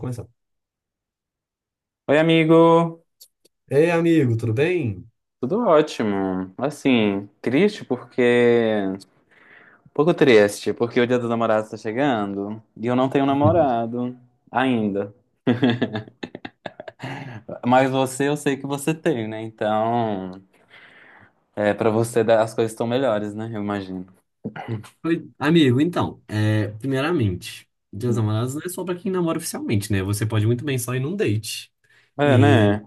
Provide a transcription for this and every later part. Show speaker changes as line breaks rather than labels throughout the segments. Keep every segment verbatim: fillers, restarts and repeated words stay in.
Começar.
Oi, amigo.
Ei, amigo, tudo bem?
Tudo ótimo. Assim, triste porque. um pouco triste, porque o Dia dos Namorados tá chegando e eu não tenho
Hum.
namorado ainda. Mas você, eu sei que você tem, né? Então, é, pra você dá- as coisas estão melhores, né? Eu imagino.
Oi, amigo, então, é, primeiramente, Dia dos Namorados não é só pra quem namora oficialmente, né? Você pode muito bem só ir num date.
É,
E,
né?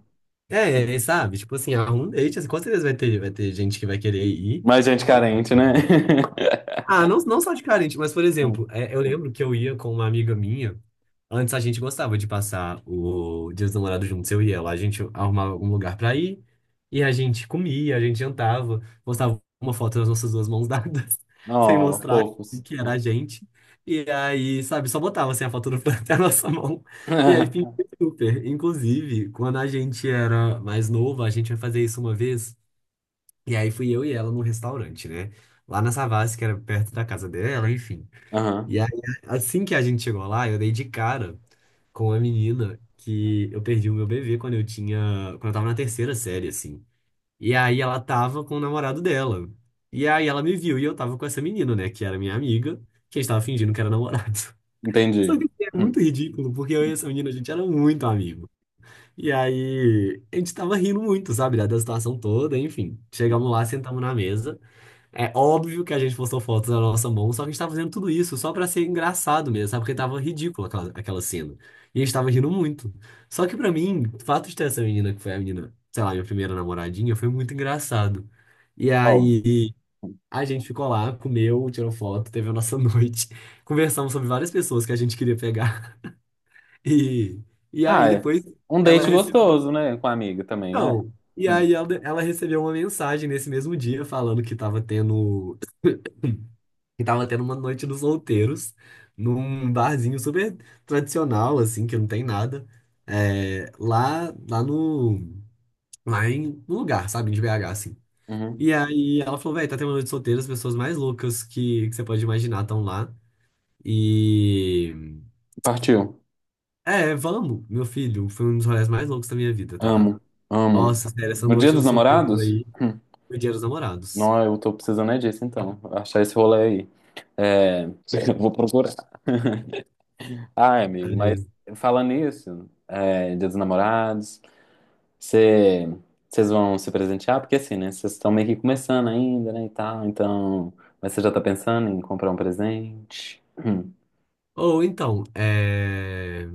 é, é, é, sabe? Tipo assim, arruma um date, assim, com certeza vai ter, vai ter gente que vai querer ir.
Mais gente
E-
carente, né?
e- Ah, não, não só de carente, mas, por exemplo,
Hum,
é, eu
hum.
lembro que eu ia com uma amiga minha. Antes a gente gostava de passar o Dia dos Namorados juntos, eu e ela. A gente arrumava um lugar pra ir e a gente comia, a gente jantava, postava uma foto das nossas duas mãos dadas, sem
Oh,
mostrar
fofos.
que era a gente. E aí, sabe, só botava assim a foto do Fran até a nossa mão. E aí fingia super. Inclusive, quando a gente era mais novo, a gente ia fazer isso uma vez. E aí fui eu e ela num restaurante, né? Lá na Savassi, que era perto da casa dela, enfim.
Aham,
E aí, assim que a gente chegou lá, eu dei de cara com uma menina que eu perdi o meu bebê quando eu tinha, quando eu tava na terceira série, assim. E aí ela tava com o namorado dela. E aí ela me viu e eu tava com essa menina, né, que era minha amiga, que a gente tava fingindo que era namorado. Só
entendi.
que é muito
Hum.
ridículo, porque eu e essa menina, a gente era muito amigo. E aí a gente tava rindo muito, sabe, da da situação toda, enfim. Chegamos lá, sentamos na mesa. É óbvio que a gente postou fotos da nossa mão, só que a gente tava fazendo tudo isso só pra ser engraçado mesmo, sabe? Porque tava ridícula aquela, aquela cena. E a gente tava rindo muito. Só que pra mim, o fato de ter essa menina, que foi a menina, sei lá, minha primeira namoradinha, foi muito engraçado. E
Óbvio.
aí a gente ficou lá, comeu, tirou foto, teve a nossa noite. Conversamos sobre várias pessoas que a gente queria pegar. E, e aí
Ah, é.
depois
Um
ela
date
recebeu.
gostoso, né? Com a amiga também, é.
Então, e
Hum,
aí ela, ela recebeu uma mensagem nesse mesmo dia falando que tava tendo. E tava tendo uma noite dos solteiros, num barzinho super tradicional, assim, que não tem nada. É, lá, lá no, lá em, No lugar, sabe, de B H, assim.
uhum.
E aí ela falou, velho, tá tendo uma noite solteira, as pessoas mais loucas que, que você pode imaginar estão lá. E...
Partiu.
É, vamos, meu filho, foi um dos rolês mais loucos da minha vida, tá?
Amo, amo.
Nossa, sério, essa
No Dia
noite
dos
dos solteiros
Namorados?
aí
Hum.
foi Dia dos Namorados.
Não, eu tô precisando é disso, então. Achar esse rolê aí. É, vou procurar. Ai, amigo, mas
Aí,
falando nisso, é, Dia dos Namorados, cê- vocês vão se presentear? Porque assim, né? Vocês estão meio que começando ainda, né, e tal. Então, mas você já tá pensando em comprar um presente? Hum,
ou então, é...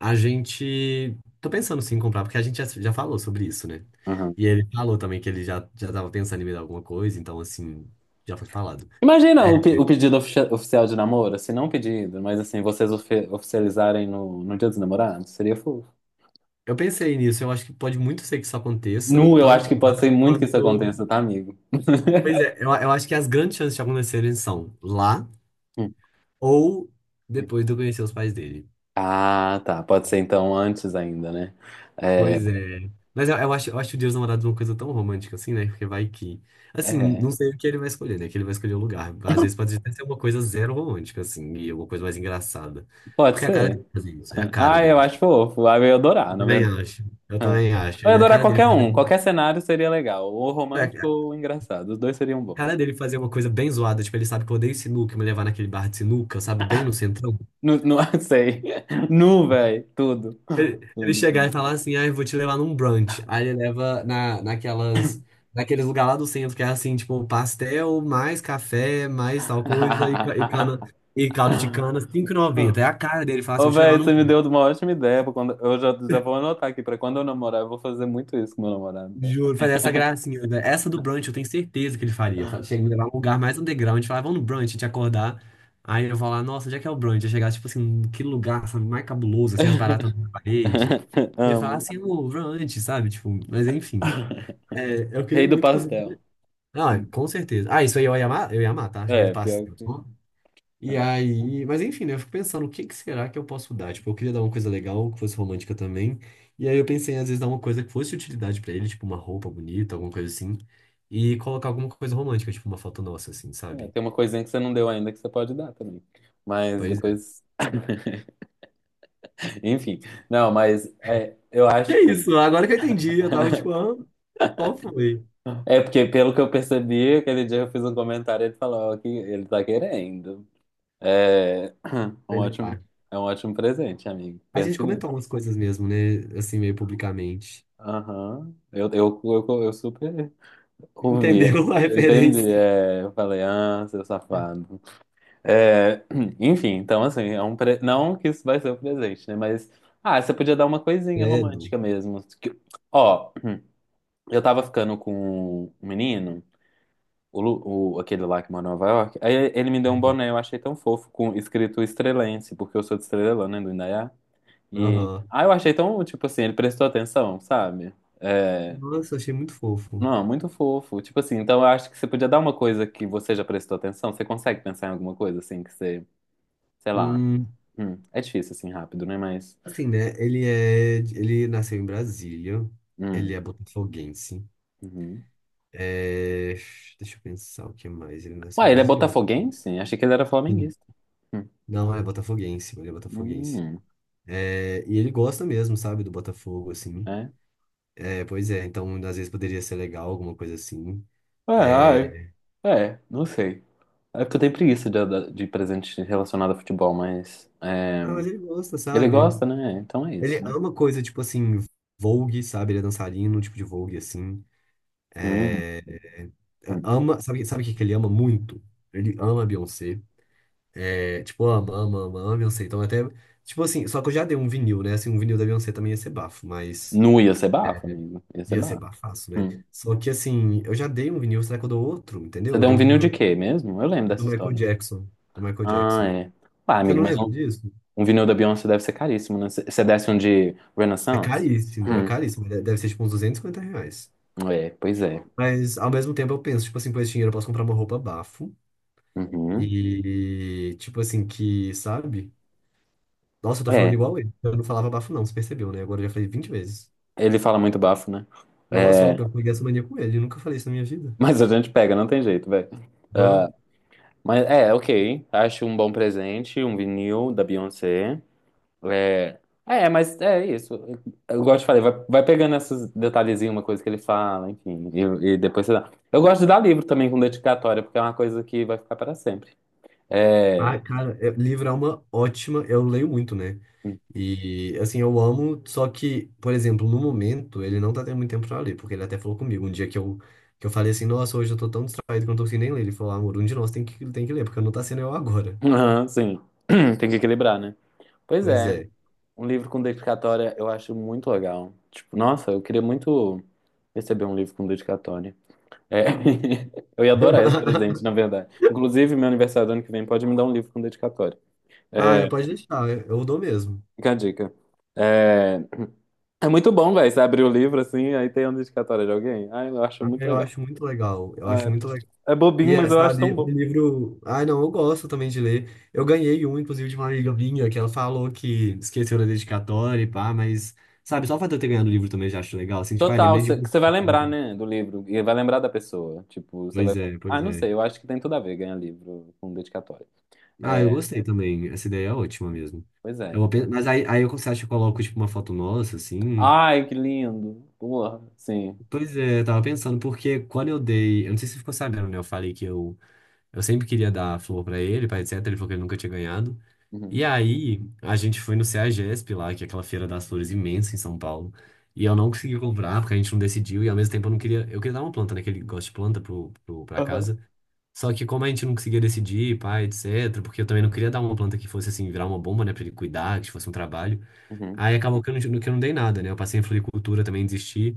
A gente. Tô pensando sim em comprar, porque a gente já, já falou sobre isso, né?
uhum.
E ele falou também que ele já, já tava pensando em me dar alguma coisa, então assim, já foi falado.
Imagina
É,
o, pe- o pedido ofici- oficial de namoro, assim, não um pedido, mas assim, vocês ofe- oficializarem no, no Dia dos Namorados, seria fofo.
eu pensei nisso, eu acho que pode muito ser que isso aconteça,
Nu, eu acho
tanto
que
lá
pode ser muito que isso
quanto.
aconteça, tá, amigo?
Pois é, eu, eu acho que as grandes chances de acontecerem são lá
Hum,
ou
hum.
depois de eu conhecer os pais dele.
Ah, tá, pode ser então antes ainda, né? É,
Pois é. Mas eu, eu acho, eu acho o Dia dos Namorados uma coisa tão romântica assim, né? Porque vai que. Assim,
é,
não sei o que ele vai escolher, né? Que ele vai escolher o lugar. Às vezes pode até ser uma coisa zero romântica, assim, e uma coisa mais engraçada.
pode
Porque é a cara
ser.
dele fazer isso, é a cara
Ah, eu
dele.
acho fofo, ah, eu ia adorar,
Eu
na
também
verdade.
acho. Eu
Ah.
também acho.
Eu ia
Ele, é a
adorar
cara dele
qualquer
fazer.
um, qualquer cenário seria legal, ou
É
romântico ou engraçado, os dois seriam
a cara
bons.
dele fazer uma coisa bem zoada, tipo, ele sabe que eu odeio sinuca, me levar naquele bar de sinuca, sabe? Bem no centrão.
Nu, nu, sei. Nu, velho, tudo.
Ele ele
Tudo,
chegar e
tudo.
falar assim, ah, eu vou te levar num brunch. Aí ele leva na, naquelas, naqueles lugar lá do centro, que é assim, tipo, pastel, mais café, mais tal coisa, e, ca- e cana,
Ah,
e caldo de
ah.
cana, cinco e noventa. É a cara dele falar assim,
Ô,
eu vou te levar
velho,
num
você me
brunch.
deu uma ótima ideia. pra Quando... Eu já, já vou anotar aqui pra quando eu namorar, eu vou fazer muito isso com meu namorado, velho.
Juro, fazer essa gracinha, né? Essa do brunch eu tenho certeza que ele faria. Fa- Chega me levar num lugar mais underground, falar, vamos no brunch, te acordar. Aí eu vou lá, nossa, onde é que é o brunch? Eu chegar, tipo assim, que lugar, sabe, mais cabuloso, assim, as baratas na parede. Ele falar
Amo.
assim, o brunch, sabe? Tipo, mas enfim. É, eu
Rei
queria
do
muito, inclusive.
pastel.
Ah, com certeza. Ah, isso aí eu ia amar, eu ia amar, tá? Rei do
É, pior
pastel.
que.
E aí, mas enfim, né? Eu fico pensando, o que que será que eu posso dar? Tipo, eu queria dar uma coisa legal, que fosse romântica também. E aí eu pensei, às vezes, dar uma coisa que fosse utilidade pra ele, tipo uma roupa bonita, alguma coisa assim. E colocar alguma coisa romântica, tipo uma foto nossa, assim,
É,
sabe?
tem uma coisinha que você não deu ainda que você pode dar também. Mas
Pois é.
depois. Enfim. Não, mas é, eu
Que
acho que.
isso, agora que eu entendi, eu tava tipo, ah, qual foi?
É porque, pelo que eu percebi, aquele dia eu fiz um comentário e ele falou que ele tá querendo. É, um
Ele,
ótimo,
ah.
é um ótimo presente, amigo.
A gente
Pense.
comentou umas coisas mesmo, né? Assim, meio publicamente.
Aham. Eu, eu, eu, eu super ouvia.
Entendeu a
Eu entendi.
referência?
É, eu falei, ah, seu safado. É, enfim, então assim, é um pre... não que isso vai ser o presente, né? Mas, ah, você podia dar uma coisinha
Credo.
romântica mesmo. Que- Ó, eu tava ficando com um menino, o, Lu- o- aquele lá que mora em Nova York, aí ele me deu um boné, eu achei tão fofo, com escrito Estrelense, porque eu sou de Estrelândia, né, do Indaiá. E,
Aham.
ah, eu achei tão, tipo assim, ele prestou atenção, sabe? É.
Nossa, achei muito fofo.
Não, muito fofo. Tipo assim, então eu acho que você podia dar uma coisa que você já prestou atenção. Você consegue pensar em alguma coisa assim que você, sei lá.
Hum,
Hum, é difícil assim rápido, né? Mas.
assim, né? Ele é, ele nasceu em Brasília.
Hum,
Ele é botafoguense.
uhum.
É, deixa eu pensar o que mais. Ele nasceu
Ué,
em
ele é
Brasília? Bota-
botafoguense? Achei que ele era
Sim.
flamenguista. Hum,
Não, é botafoguense. Ele é botafoguense.
hum,
É, e ele gosta mesmo, sabe, do Botafogo, assim.
é.
É, pois é. Então, às vezes poderia ser legal, alguma coisa assim.
É,
É,
ai. É, não sei. É porque eu tenho preguiça de, de presente relacionado a futebol, mas. É,
ah, mas ele gosta,
ele
sabe?
gosta, né? Então é
Ele
isso, né?
ama coisa tipo assim, Vogue, sabe? Ele é dançarino, tipo de Vogue, assim.
Hum,
É, é,
hum.
Ama, sabe, sabe o que que ele ama muito? Ele ama a Beyoncé. É, tipo, ama, ama, ama, ama a Beyoncé. Então até, tipo assim, só que eu já dei um vinil, né? Assim, um vinil da Beyoncé também ia ser bafo, mas
Nu, ia ser bafo, amigo. Ia ser
ia ser
bafo.
bafaço, né?
Hum.
Só que assim, eu já dei um vinil, será que eu dou outro,
Você
entendeu? Eu
deu
dei
um
um
vinil de
vinil do,
quê mesmo? Eu lembro
do
dessa
Michael
história.
Jackson, do Michael
Ah,
Jackson.
é. Pá,
Você
amigo,
não
mas um,
lembra disso?
um vinil da Beyoncé deve ser caríssimo, né? Você desce um de
É
Renaissance?
caríssimo, é
Hum,
caríssimo. de- Deve ser tipo uns duzentos e cinquenta reais.
é, pois é.
Mas ao mesmo tempo eu penso, tipo assim, com esse dinheiro eu posso comprar uma roupa bafo.
Uhum.
E tipo assim, que, sabe? Nossa, eu tô falando
É,
igual ele. Eu não falava bafo, não, você percebeu, né? Agora eu já falei vinte vezes.
ele fala muito bafo, né?
Nossa,
É,
óbvio, eu peguei essa mania com ele. Eu nunca falei isso na minha vida.
mas a gente pega, não tem jeito, velho.
Não.
Ah, mas é, ok. Acho um bom presente, um vinil da Beyoncé. É, é, mas é isso. Eu gosto de falar, vai, vai pegando esses detalhezinhos, uma coisa que ele fala, enfim, e, e depois você dá. Eu gosto de dar livro também com dedicatória, porque é uma coisa que vai ficar para sempre. É,
Ah, cara, é, livro é uma ótima. Eu leio muito, né? E, assim, eu amo, só que, por exemplo, no momento, ele não tá tendo muito tempo pra ler, porque ele até falou comigo. Um dia que eu, que eu falei assim, nossa, hoje eu tô tão distraído que eu não tô conseguindo nem ler. Ele falou, ah, amor, um de nós tem que, tem que ler, porque não tá sendo eu agora.
aham, sim. Tem que equilibrar, né? Pois
Pois
é,
é.
um livro com dedicatória eu acho muito legal. Tipo, nossa, eu queria muito receber um livro com dedicatória. É. Eu ia adorar esse presente, na verdade. Inclusive, meu aniversário do ano que vem pode me dar um livro com dedicatória.
Ah, eu
É,
pode deixar, eu eu dou mesmo.
fica a dica. É, é muito bom, velho, você abrir o livro assim, aí tem uma dedicatória de alguém. Ai, eu acho
Ah,
muito
eu
legal.
acho muito legal. Eu
Ah,
acho muito legal.
é. É bobinho,
E é,
mas eu acho tão
sabe, um
bom.
livro. Ai, não, eu gosto também de ler. Eu ganhei um, inclusive, de uma amiga minha, que ela falou que esqueceu da dedicatória e pá, mas, sabe, só o fato de eu ter ganhado o livro também já acho legal. Assim, tipo, ai,
Total,
lembrei de
cê- que
você.
você vai lembrar, né, do livro, e vai lembrar da pessoa. Tipo, você vai.
Pois é,
Ah,
pois
não
é.
sei, eu acho que tem tudo a ver ganhar livro com dedicatória.
Ah, eu
É,
gostei também. Essa ideia é ótima mesmo.
pois
Eu
é.
vou pen- mas aí, aí eu, você acha que eu coloco, tipo, uma foto nossa, assim?
Ai, que lindo! Porra, sim.
Pois é, eu tava pensando, porque quando eu dei. Eu não sei se você ficou sabendo, né? Eu falei que eu Eu sempre queria dar flor pra ele, pai, et cetera. Ele falou que ele nunca tinha ganhado. E
Uhum,
aí, a gente foi no CEAGESP lá, que é aquela feira das flores imensa em São Paulo. E eu não consegui comprar, porque a gente não decidiu. E ao mesmo tempo eu não queria. Eu queria dar uma planta, né? Que ele gosta de planta pro, pro, pra
aham,
casa. Só que como a gente não conseguia decidir, pai, et cetera. Porque eu também não queria dar uma planta que fosse assim, virar uma bomba, né? Pra ele cuidar, que fosse um trabalho.
uhum.
Aí acabou que eu não, que eu não dei nada, né? Eu passei em floricultura, também desisti.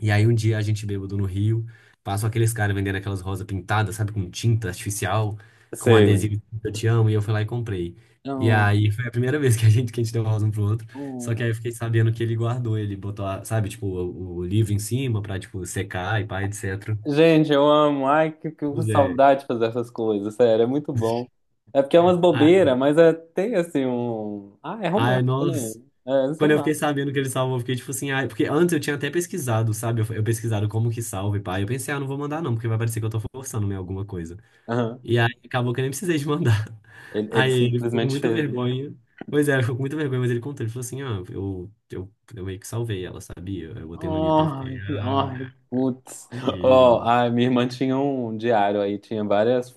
E aí um dia a gente bêbado no Rio, passam aqueles caras vendendo aquelas rosas pintadas, sabe, com tinta artificial, com
Sei.
adesivo escrito Eu Te Amo, e eu fui lá e comprei. E
Não,
aí foi a primeira vez que a gente, que a gente deu rosa um pro outro, só que
não.
aí eu fiquei sabendo que ele guardou, ele botou, a- sabe, tipo, o, o livro em cima pra, tipo, secar e pá, et cetera.
Gente, eu amo. Ai, que, que
Pois é.
saudade de fazer essas coisas, sério, é muito bom. É porque é umas
Ah,
bobeiras, mas é, tem assim um. Ah, é
ai,
romântico, né?
nós...
É, sei
Quando eu
lá.
fiquei sabendo que ele salvou, eu fiquei tipo assim, ai, porque antes eu tinha até pesquisado, sabe? Eu, eu pesquisado como que salva e pá. Eu pensei, ah, não vou mandar não, porque vai parecer que eu tô forçando, né, alguma coisa.
Aham.
E aí acabou que eu nem precisei de mandar.
Ele, ele
Aí ele ficou com
simplesmente
muita
fez, né?
vergonha. Pois é, ele ficou com muita vergonha, mas ele contou. Ele falou assim, ah, eu, eu, eu meio que salvei ela, sabia? Eu botei no livro, eu fiquei,
Ai, ai,
ah,
putz. Ó,
e...
a minha irmã tinha um diário aí, tinha várias.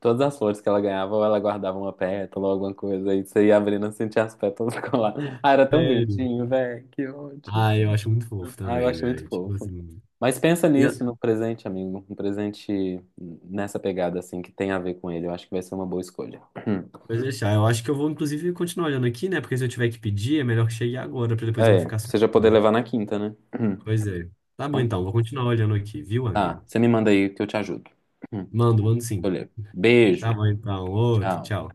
Todas as flores que ela ganhava, ou ela guardava uma pétala ou alguma coisa. Aí você ia abrindo e sentia as pétalas colar. Ah, era tão
Sério?
bonitinho, velho. Que ótimo.
Ah, eu acho muito fofo
Ah, eu
também,
acho muito
velho. Tipo
fofo.
assim...
Mas pensa
E eu-
nisso no presente, amigo. Um presente nessa pegada, assim, que tem a ver com ele. Eu acho que vai ser uma boa escolha.
Pode deixar, eu acho que eu vou, inclusive, continuar olhando aqui, né? Porque se eu tiver que pedir, é melhor que chegue agora, pra depois eu não
É, pra
ficar
você já poder
soltando.
levar na quinta, né?
Pois é. Tá bom,
Então tá.
então, vou continuar olhando aqui, viu,
Tá,
amigo?
você me manda aí que eu te ajudo.
Mando, mando sim.
Olha.
Tá
Beijo.
bom, então. Outro,
Tchau.
tchau.